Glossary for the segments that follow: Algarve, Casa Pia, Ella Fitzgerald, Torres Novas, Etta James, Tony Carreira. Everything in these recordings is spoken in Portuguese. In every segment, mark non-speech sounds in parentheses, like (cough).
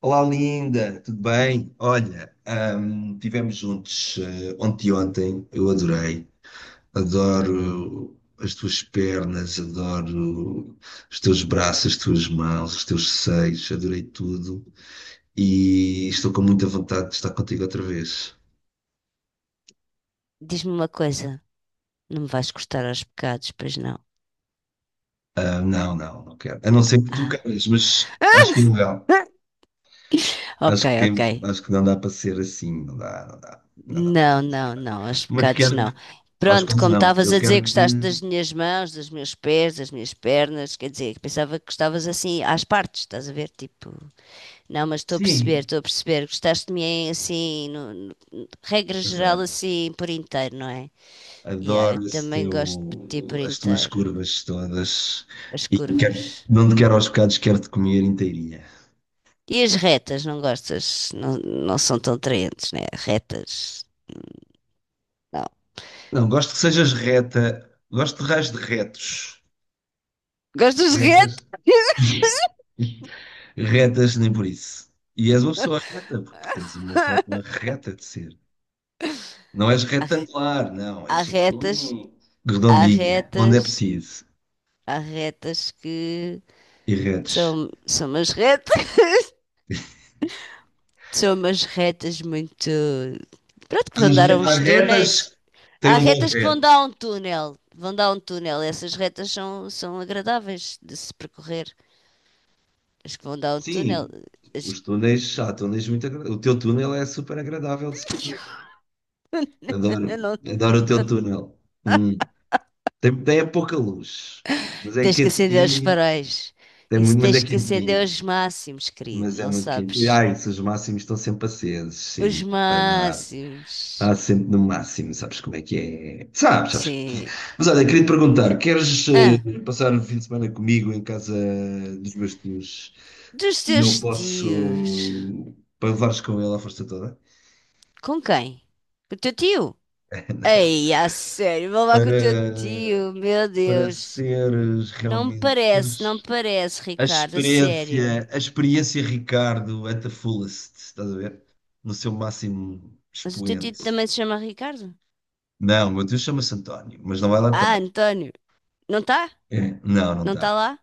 Olá, linda, tudo bem? Olha, tivemos juntos ontem e ontem, eu adorei. Adoro as tuas pernas, adoro os teus braços, as tuas mãos, os teus seios, adorei tudo. E estou com muita vontade de estar contigo outra vez. Diz-me uma coisa. Não me vais cortar aos pecados, pois não? Ah, não, não, não quero. A não ser que tu Ah, queiras, mas acho (laughs) que é ilegal. ok, Acho ok. que, acho que não dá para ser assim, não dá para ser. Não, não, assim. não, aos Mas pecados não. quero-te, acho Pronto, que como não, estavas eu a dizer que quero-te. gostaste das minhas mãos, dos meus pés, das minhas pernas, quer dizer, pensava que gostavas assim às partes, estás a ver? Tipo, não, mas estou a perceber, Sim, estou a perceber. Gostaste de mim assim, regra geral, exato. assim, por inteiro, não é? Yeah, eu Adoro esse também gosto de ti por teu, as tuas inteiro. curvas todas As e curvas. quero, não te quero aos bocados, quero-te comer inteirinha. E as retas, não gostas? Não, não são tão atraentes, né? Retas. Não. Não, gosto que sejas reta, gosto de raios de retos. Gostas de Retas. retas? (laughs) Retas, nem por isso. E és uma pessoa reta, porque tens uma forma (laughs) reta de ser. Não és Há retangular, não, há és retas, há redondinha, onde é retas, preciso. há retas que E retos. são, (laughs) são umas retas muito. Pronto, que vão dar a Há há uns retas túneis. que têm Há um bom retas que vão dar reto. a um túnel. Vão dar a um túnel. Essas retas são, são agradáveis de se percorrer. As que vão dar a um túnel. Sim, As... os túneis, há túneis muito agradáveis. O teu túnel é super agradável de se percorrer. (laughs) Adoro, Eu não. adoro o teu túnel. Hum. Tem, tem é pouca luz, mas é Tens que acender os quentinho. faróis. Tem Isso muito, mas é tens que acender quentinho. os máximos, querido, Mas é não muito quente. E, sabes? ai, se os máximos estão sempre acesos, Os sempre. Vai dar. máximos. Há sempre no máximo, sabes como é que é? Sabes, sabes. Sim. Mas olha, queria te perguntar: queres Ah, passar o fim de semana comigo em casa dos meus tios? dos E teus eu posso, tios. para levares com ele à força toda? Com quem? Com o teu tio? (laughs) Ei, a sério, vou lá com o teu para, tio, meu para Deus. seres Não me realmente, parece, não me teres parece, Ricardo, a sério. A experiência Ricardo at the fullest, estás a ver? No seu máximo Mas o teu tio expoente. também se chama Ricardo? Não, o meu tio chama-se António, mas não vai lá Ah, estar. António. Não está? Não, não Não está está. lá?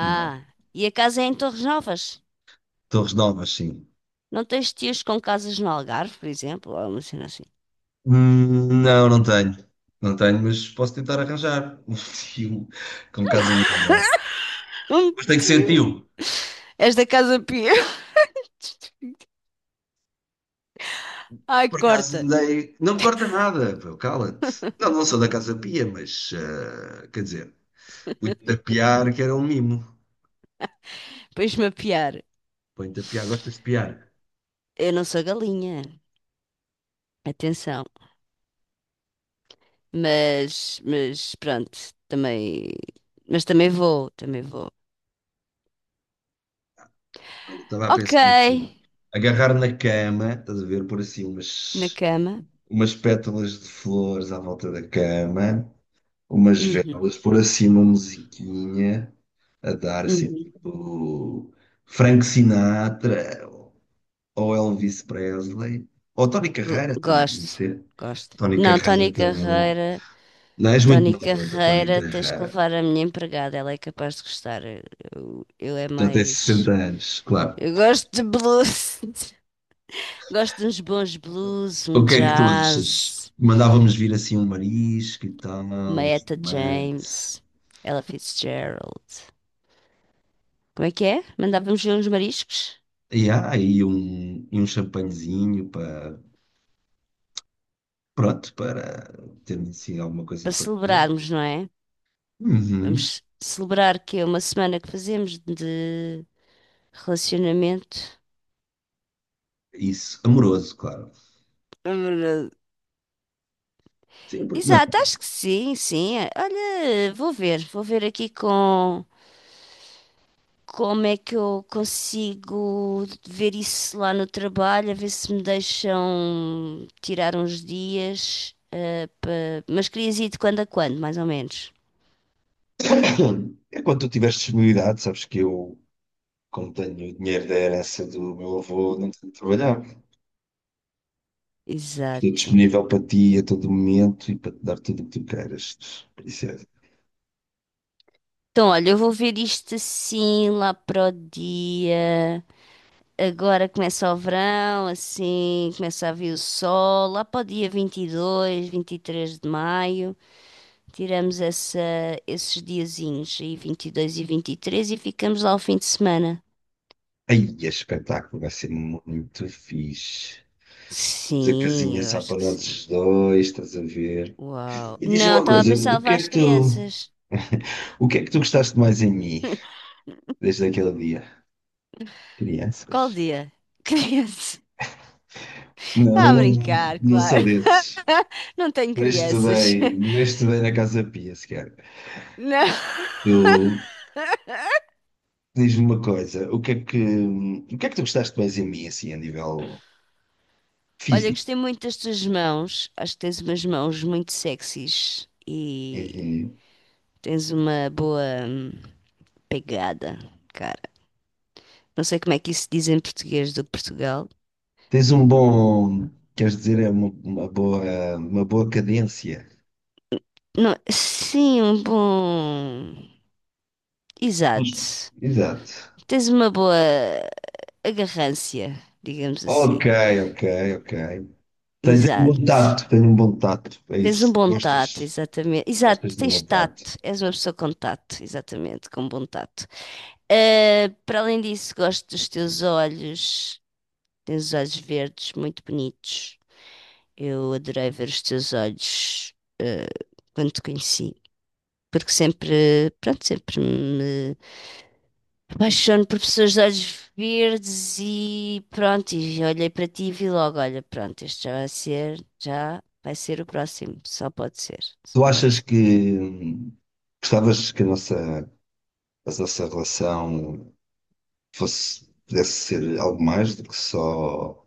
Não. e a casa é em Torres Novas? Torres Novas, sim. Não tens tios com casas no Algarve, por exemplo? Ou uma cena assim. Não, não tenho. Não tenho, mas posso tentar arranjar um (laughs) tio com casa no Algarve. Um Mas tem que ser tio. tio. És da Casa Pia. (laughs) Ai, Por acaso corta. andei. Não corta nada, pô, cala-te. Não, não sou da Casa Pia, mas quer dizer, põe-te a piar, que era um mimo. Pões-me a piar. Põe-te a piar, gostas de piar. Eu não sou galinha. Atenção. Mas pronto. Também. Mas também vou. Também vou. Pronto, estava a Ok. pensar assim. Agarrar na cama, estás a ver, por assim Na umas, cama. umas pétalas de flores à volta da cama, umas Uhum, velas, por assim uma musiquinha a dar assim, uhum. tipo, Frank Sinatra, ou Elvis Presley, ou Tony Carreira também, pode Gosto. ser. Gosto. Tony Não, Carrara Tony também é bom. Carreira. Não, és muito Tony nova para Tony Carreira, tens que Carrara. levar a minha empregada, ela é capaz de gostar. Eu é Já tens mais. 60 anos, claro. Eu gosto de blues, (laughs) gosto de uns bons blues, O um que é que tu achas? jazz, Mandávamos vir assim um marisco e tal, uma um Etta espumante. James, Ella Fitzgerald. Como é que é? Mandávamos ver uns mariscos E há aí um, e um champanhezinho para, pronto, para termos assim alguma para coisa para comer. celebrarmos, não é? Uhum. Vamos celebrar que é uma semana que fazemos de relacionamento. Isso, amoroso, claro. Sim, porque não? Exato, acho que sim, sim. Olha, vou ver aqui com. Como é que eu consigo ver isso lá no trabalho, a ver se me deixam tirar uns dias, pa- mas querias ir de quando a quando, mais ou menos. É quando tu tiveres disponibilidade, sabes que eu, como tenho o dinheiro da herança do meu avô, não tenho de trabalhar. Estou Exato. disponível para ti a todo momento e para te dar tudo o que tu queiras, princesa. Então, olha, eu vou ver isto assim lá para o dia. Agora começa o verão, assim, começa a vir o sol. Lá para o dia vinte e dois, vinte e três de maio, tiramos essa, esses diazinhos aí, vinte e três, e ficamos lá o fim de semana. Aí, é espetáculo, vai ser muito fixe. Temos a Sim, casinha eu só acho para que sim. nós dois, estás a ver? Uau. E diz-me Não, uma estava a coisa, pensar em o que levar é as que tu, crianças. o que é que tu gostaste mais em mim desde aquele dia? Qual Crianças? dia? Crianças. (laughs) Não, Está eu a não, brincar, não sou claro. desses. (laughs) Não tenho Nem crianças. estudei, nem (laughs) estudei na Casa Pia sequer. Não. Tu diz-me uma coisa, o que é que, o que é que tu gostaste mais em mim, assim, a nível Olha, físico? gostei muito das tuas mãos. Acho que tens umas mãos muito sexys e Uhum. tens uma boa hum, pegada, cara. Não sei como é que isso se diz em português do Portugal. Tens um bom, queres dizer, é uma boa cadência. Não, sim, um bom. Exato. Justo. Exato. Tens uma boa. A garrância, digamos assim. Ok, ok, ok. Tens um bom Exato. tato, tens um bom tato, é Tens um isso. bom tato, Gostas, exatamente. Exato, gostas de tens bom tato. tato. És uma pessoa com tato, exatamente, com bom tato. Ah, para além disso, gosto dos teus olhos. Tens os olhos verdes, muito bonitos. Eu adorei ver os teus olhos, ah, quando te conheci, porque sempre, pronto, sempre me apaixono por pessoas de olhos verdes e pronto, e olhei para ti e vi logo, olha, pronto, este já vai ser o próximo, só pode ser, só Tu pode achas ser. que gostavas que a nossa relação fosse, pudesse ser algo mais do que só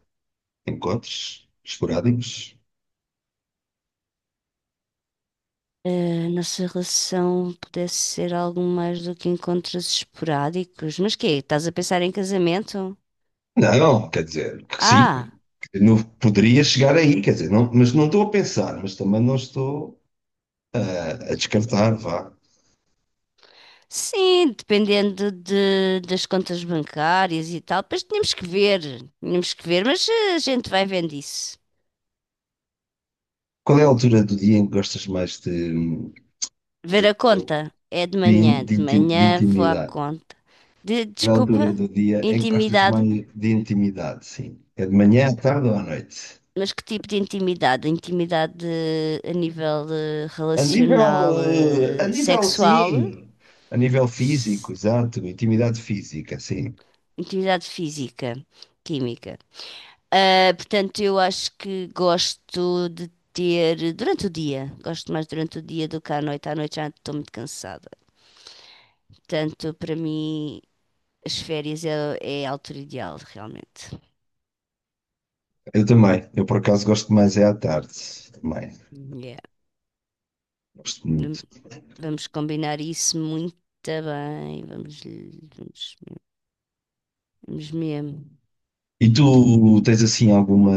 encontros esporádicos? A nossa relação pudesse ser algo mais do que encontros esporádicos, mas quê? Estás a pensar em casamento? Não, quer dizer, que sim, Ah, não poderia chegar aí, quer dizer, não, mas não estou a pensar, mas também não estou a descartar, vá. sim, dependendo de, das contas bancárias e tal, depois tínhamos que ver, mas a gente vai vendo isso. Qual é a altura do dia em que gostas mais Ver a conta. É de de, manhã. de De de manhã vou à intimidade? conta. Qual é a altura Desculpa, do dia em que gostas intimidade. mais de intimidade, sim? É de manhã, à tarde ou à noite? Mas que tipo de intimidade? Intimidade a nível A nível, relacional, a nível, sexual, sim. A nível físico, s- exato. Intimidade física, sim. intimidade física, química. Ah, portanto, eu acho que gosto de ter durante o dia. Gosto mais durante o dia do que à noite. À noite já estou muito cansada. Portanto, para mim, as férias é, é a altura ideal, realmente. Eu também. Eu, por acaso, gosto mais é à tarde. Também. Yeah. Gosto Vam- muito. Vamos combinar isso muito bem. Vamos, vamos mesmo. E tu tens assim alguma.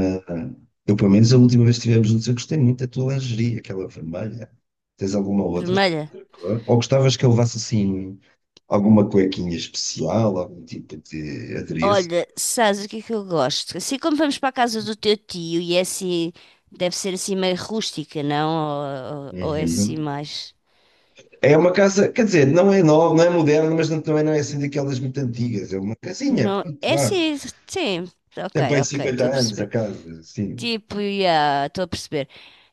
Eu, pelo menos, a última vez que estivemos juntos, eu gostei muito da tua lingerie, aquela vermelha. Tens alguma outra Vermelha. cor? Ou gostavas que eu levasse assim alguma cuequinha especial, algum tipo de adereço? Olha, sabes o que é que eu gosto? Assim como vamos para a casa do teu tio e é assim, deve ser assim meio rústica, não? Ou é assim Uhum. mais. É uma casa, quer dizer, não é nova, não é moderna, mas não- também não é assim daquelas muito antigas. É uma casinha, Não, pronto, é vá. assim, sim. Ok, Tem bem ok, estou a 50 anos a perceber. casa, sim. Tipo, já, estou a perceber.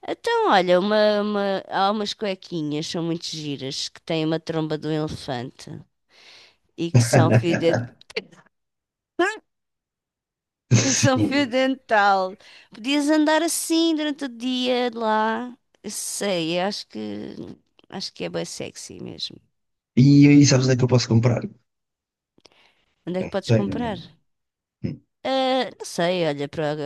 Então, olha, há umas cuequinhas, são muito giras, que têm uma tromba de um elefante e que são fio dentro. (laughs) E que são fio Sim. dental. Podias andar assim durante o dia de lá. Sei, acho que é bem sexy mesmo. E aí, sabes onde é que eu posso comprar? Onde é que podes comprar? Tenho. Ah, não sei, olha, para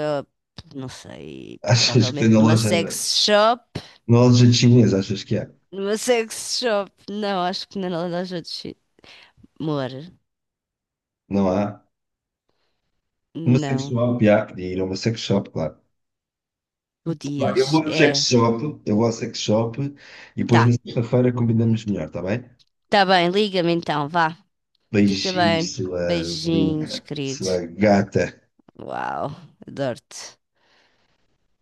não sei, Achas que tem provavelmente na numa loja? sex shop. Nós já chineses, achas que é? Numa sex shop. Não, acho que na loja de chi- amor. Não há? Uma sex Não. shop, há que ir a uma sex shop, claro. Vá, eu Podias. vou ao sex É. shop, eu vou ao sex shop e depois Tá. na sexta-feira combinamos melhor, está bem? Tá bem, liga-me então, vá. Fica Beijinhos, bem. sua Beijinhos, linda, querido. sua gata. Uau, adoro-te.